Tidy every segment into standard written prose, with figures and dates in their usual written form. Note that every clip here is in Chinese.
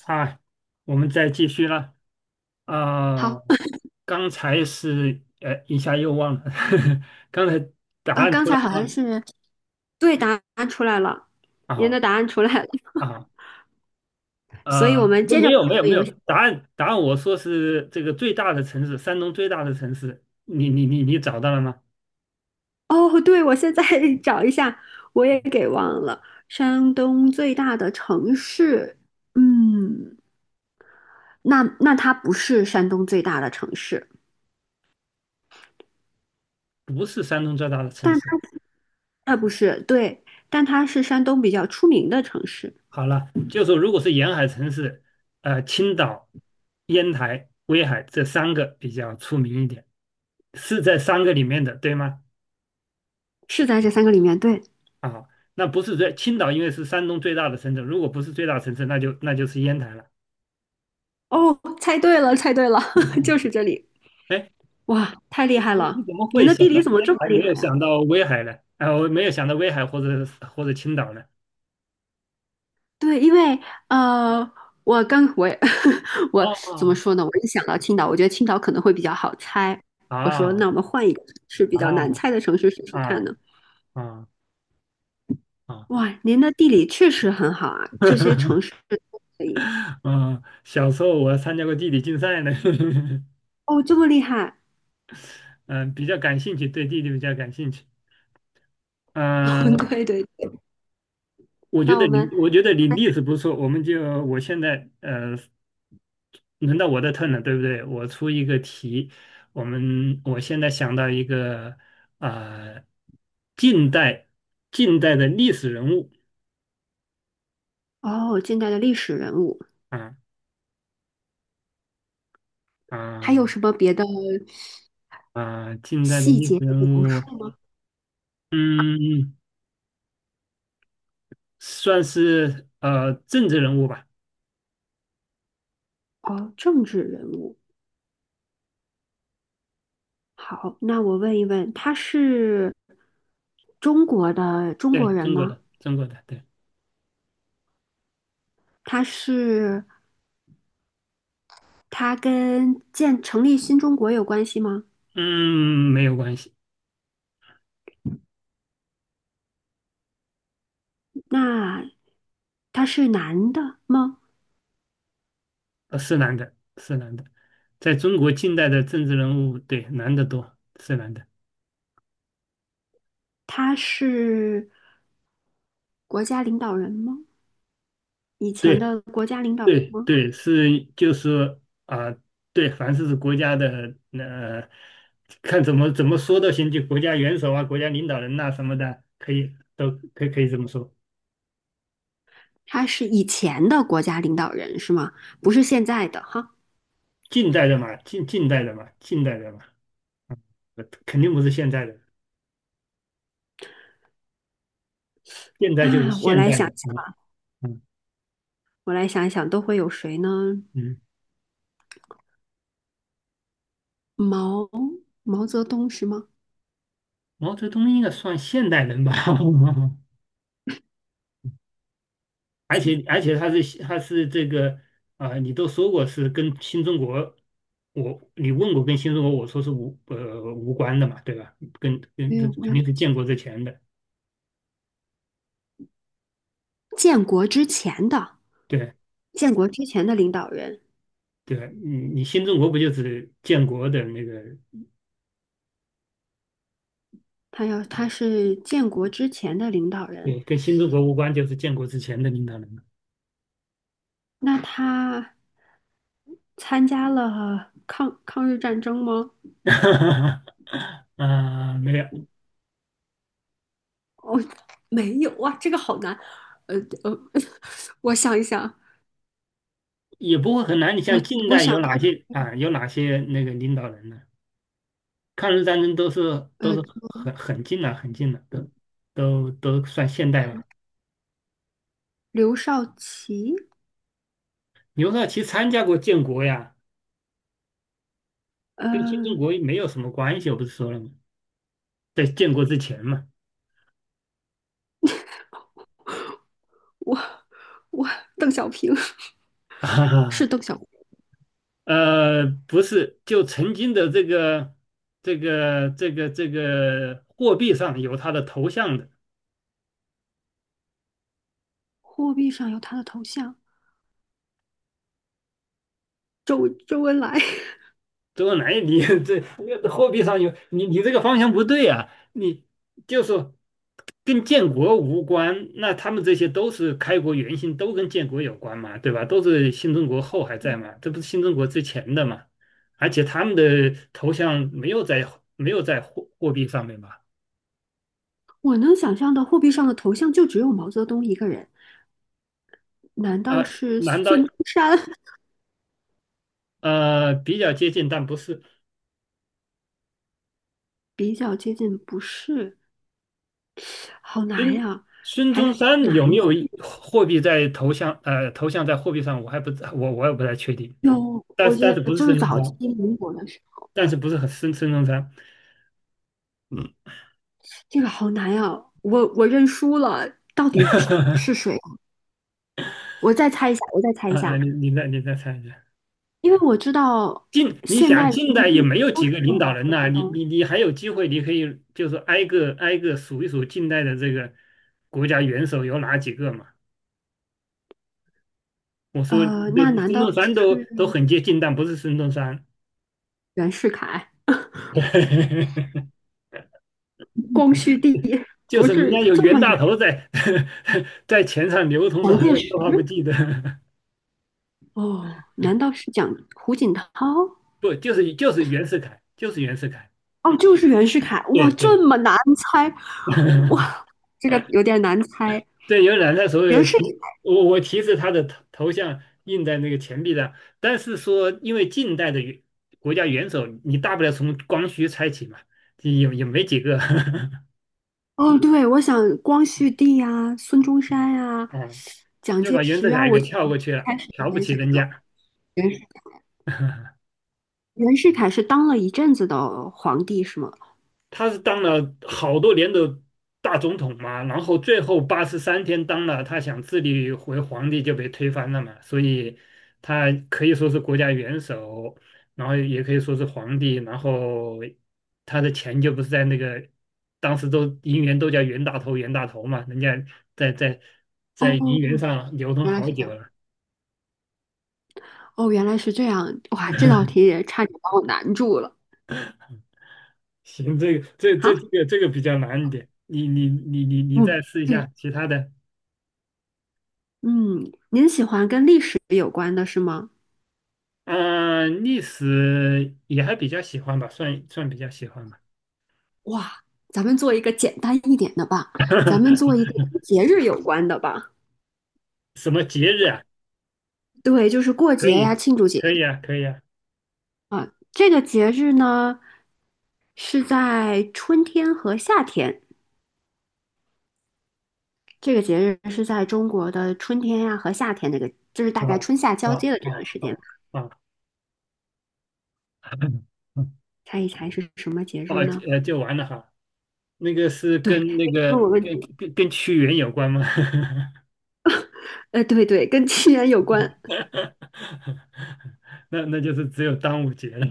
啊，我们再继续了。好啊、刚才是一下又忘了。刚才答啊，案刚出来才好像了。是对答案出来了，您啊的答案出来了，啊 啊所呃，以我们不，接着没玩有没这有个没游有，戏。答案答案我说是这个最大的城市，山东最大的城市，你找到了吗？哦，对，我现在 找一下，我也给忘了。山东最大的城市，嗯，那它不是山东最大的城市，不是山东最大的城市。但它不是，对，但它是山东比较出名的城市，好了，就说如果是沿海城市，青岛、烟台、威海这三个比较出名一点，是在三个里面的，对吗？是在这三个里面，对。啊，那不是最青岛，因为是山东最大的城镇，如果不是最大城市，那就是烟台了。哦，猜对了，猜对了，就是这里。哎，哇，太厉你害你了！怎么您会的想地到理怎么烟这么台，厉没害有啊？想到威海呢？啊，我没有想到威海或者青岛呢？对，因为呃，我刚我也 我哦怎么说呢？我一想到青岛，我觉得青岛可能会比较好猜。我说，那啊我们换一个是比啊较难猜的城市试试啊看啊呢？啊！哇，您的地理确实很好啊，这些城 市都可以。嗯，小时候我参加过地理竞赛呢。哦，这么厉害！嗯，比较感兴趣，对地理比较感兴趣。嗯，对对对，我觉那得我们你，我觉得你例子不错，我们就我现在轮到我的 turn 了，对不对？我出一个题，我现在想到一个呃，近代近代的历史人物。哦，近代的历史人物，啊还有啊什么别的啊，近代的细历史节的描人物。述吗？嗯，算是政治人物吧。哦，政治人物。好，那我问一问，他是中国的中对，国人中国吗？的中国的，对。他是他跟建成立新中国有关系吗？嗯，没有关系。那他是男的吗？是男的，是男的，在中国近代的政治人物，对，男的多，是男的。他是国家领导人吗？以前对，的国家领导人对吗？对，是就是啊、对，凡是是国家的，看怎么说都行，就国家元首啊、国家领导人呐、什么的，可以都可以这么说。他是以前的国家领导人是吗？不是现在的哈。近代的嘛，近代的嘛。嗯肯定不是现在的，现在就是那我现来代想一的，吧？想，嗯我来想一想，都会有谁呢？嗯，毛毛泽东是吗？毛泽东应该算现代人吧？而建且而且他是这个啊、你都说过是跟新中国，我你问我跟新中国，我说是无关的嘛，对吧？跟没跟这有肯关，定是建国之前的。建国之前的，对建国之前的领导人。对，你你新中国不就是建国的那个，他要他是建国之前的领导人，对，跟新中国无关，就是建国之前的领导人嘛。那他参加了抗日战争吗？啊没有。哦，没有哇，这个好难。呃呃，我想一想，也不会很难。你我像近我代想有到哪些啊？有哪些那个领导人呢？抗日战争都是都呃是很很近了，很近了，都都算现代吧。刘少奇，刘少奇参加过建国呀，跟新中呃国没有什么关系，我不是说了吗？在建国之前嘛。我我邓小平 啊，是邓小平，呃，不是，就曾经的这个这个货币上有他的头像的。货币上有他的头像，周恩来。周恩来，你 这货币上有你这个方向不对啊！你就是跟建国无关，那他们这些都是开国元勋，都跟建国有关嘛，对吧？都是新中国后还在嘛，这不是新中国之前的嘛？而且他们的头像没有在没有在货货币上面嘛？我能想象的货币上的头像就只有毛泽东一个人，难道啊、是难道孙中山？比较接近，但不是比较接近，不是，好难孙。呀，孙还是中一个山有男没性。有一货币在头像在货币上？我还不我也不太确定。有，但我是觉但是得不是就是孙中早期山，民国的时候，但是不是很孙中山。嗯，这个好难呀，我认输了，是谁？我再猜一下，我再猜一啊啊！下，你再猜一下，因为我知道近你现想代人近民代也币没有都几是个领用导毛人泽呐、你东，你你还有机会，你可以就是挨个挨个数一数近代的这个国家元首有哪几个嘛？我说这那难孙道中山都都是很接近，但不是孙中山。袁世凯、光绪帝？就不是人家是有这袁么有大头在 在钱上流通，的，蒋还介有石都还不记得。哦？难道是蒋胡锦涛？不就是就是袁世凯，就是袁世凯。哦，就是袁世凯。哇，对对。这么难猜，哇，这个有点难猜。对，有染色所有袁世提我我提示他的头像印在那个钱币上，但是说因为近代的国家元首，你大不了从光绪猜起嘛，也也没几个。哦，对，我想光绪帝呀、孙中山呀、嗯，蒋就介把袁石世啊，凯我给跳我过去了，开始瞧不联起想人到家。袁世 袁世凯是当了一阵子的皇帝是吗？他是当了好多年的大总统嘛，然后最后83天当了，他想自立为皇帝就被推翻了嘛，所以他可以说是国家元首，然后也可以说是皇帝，然后他的钱就不是在那个当时都银元都叫袁大头嘛，人家在在在银元哦，上流通原来好是这久样，了。哦，原来是这样，哇，这道题 也差点把我难住了。行，这个好，这个这个比较难一点，你再嗯，试一对，下其他的。嗯，您喜欢跟历史有关的是吗？嗯，历史也还比较喜欢吧，算比较喜欢吧。哇，咱们做一个简单一点的吧，咱们做一个 跟节日有关的吧。什么节日啊？对，就是过可节呀、以，庆祝节可以啊，可以啊。啊，这个节日呢是在春天和夏天，这个节日是在中国的春天呀、和夏天那个，就是大啊概哦春夏交哦接的这段哦时间。哦哦。猜一猜是什么节日哦，就呢？就完了哈。那个是对，跟那你问个我问题，跟屈原有关吗？对对，跟屈原有关，那那就是只有端午节了。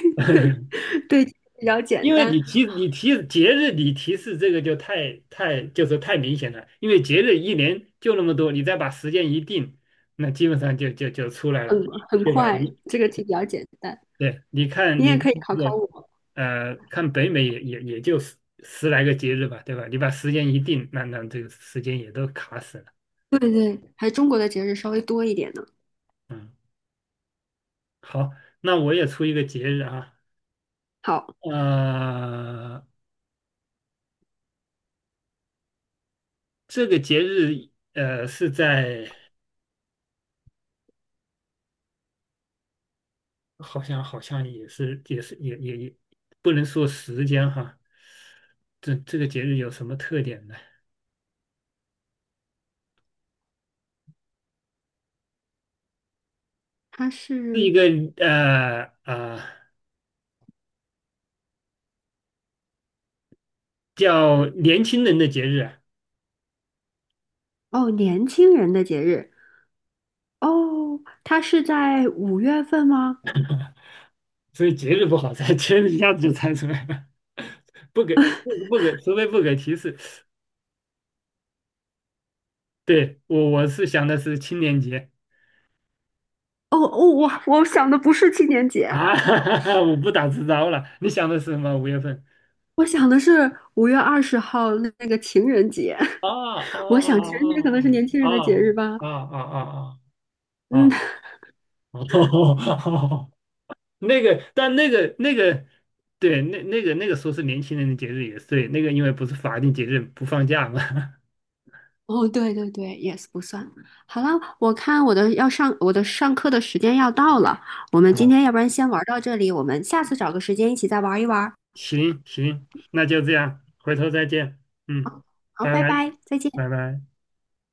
对 对，比较简因为单，你提节日，你提示这个就就是太明显了。因为节日一年就那么多，你再把时间一定，那基本上就出来了，很对吧？快，你这个题比较简单，对，你也你可看以考这考个。我。看北美也就十十来个节日吧，对吧？你把时间一定，那那这个时间也都卡死了。对对，还中国的节日稍微多一点呢。好，那我也出一个节日啊。好，呃，这个节日是在。好像好像也是也是也不能说时间哈。这这个节日有什么特点呢？它是一是个呃呃叫年轻人的节日啊。哦年轻人的节日。哦，它是在5月份吗？所以节日不好猜，节日一下子就猜出来了，不给不不给，除非不给提示。对，我是想的是青年节哦哦，我我想的不是青年节，啊。我不打自招了。你想的是什么？五月份？我想的是5月20号那那个情人节。啊我想情啊人节可能是年轻啊人的节日吧。啊啊啊啊啊啊啊！嗯，啊！哦，那个，但那个那个，对，那那个那个说是年轻人的节日也是对，那个因为不是法定节日不放假嘛。哦，对对对，yes 不算。好了，我看我的要上我的上课的时间要到了，我们今啊，天要不然先玩到这里，我们下次找个时间一起再玩一玩。行行，那就这样，回头再见。嗯，好，拜拜拜，拜，再见。拜拜。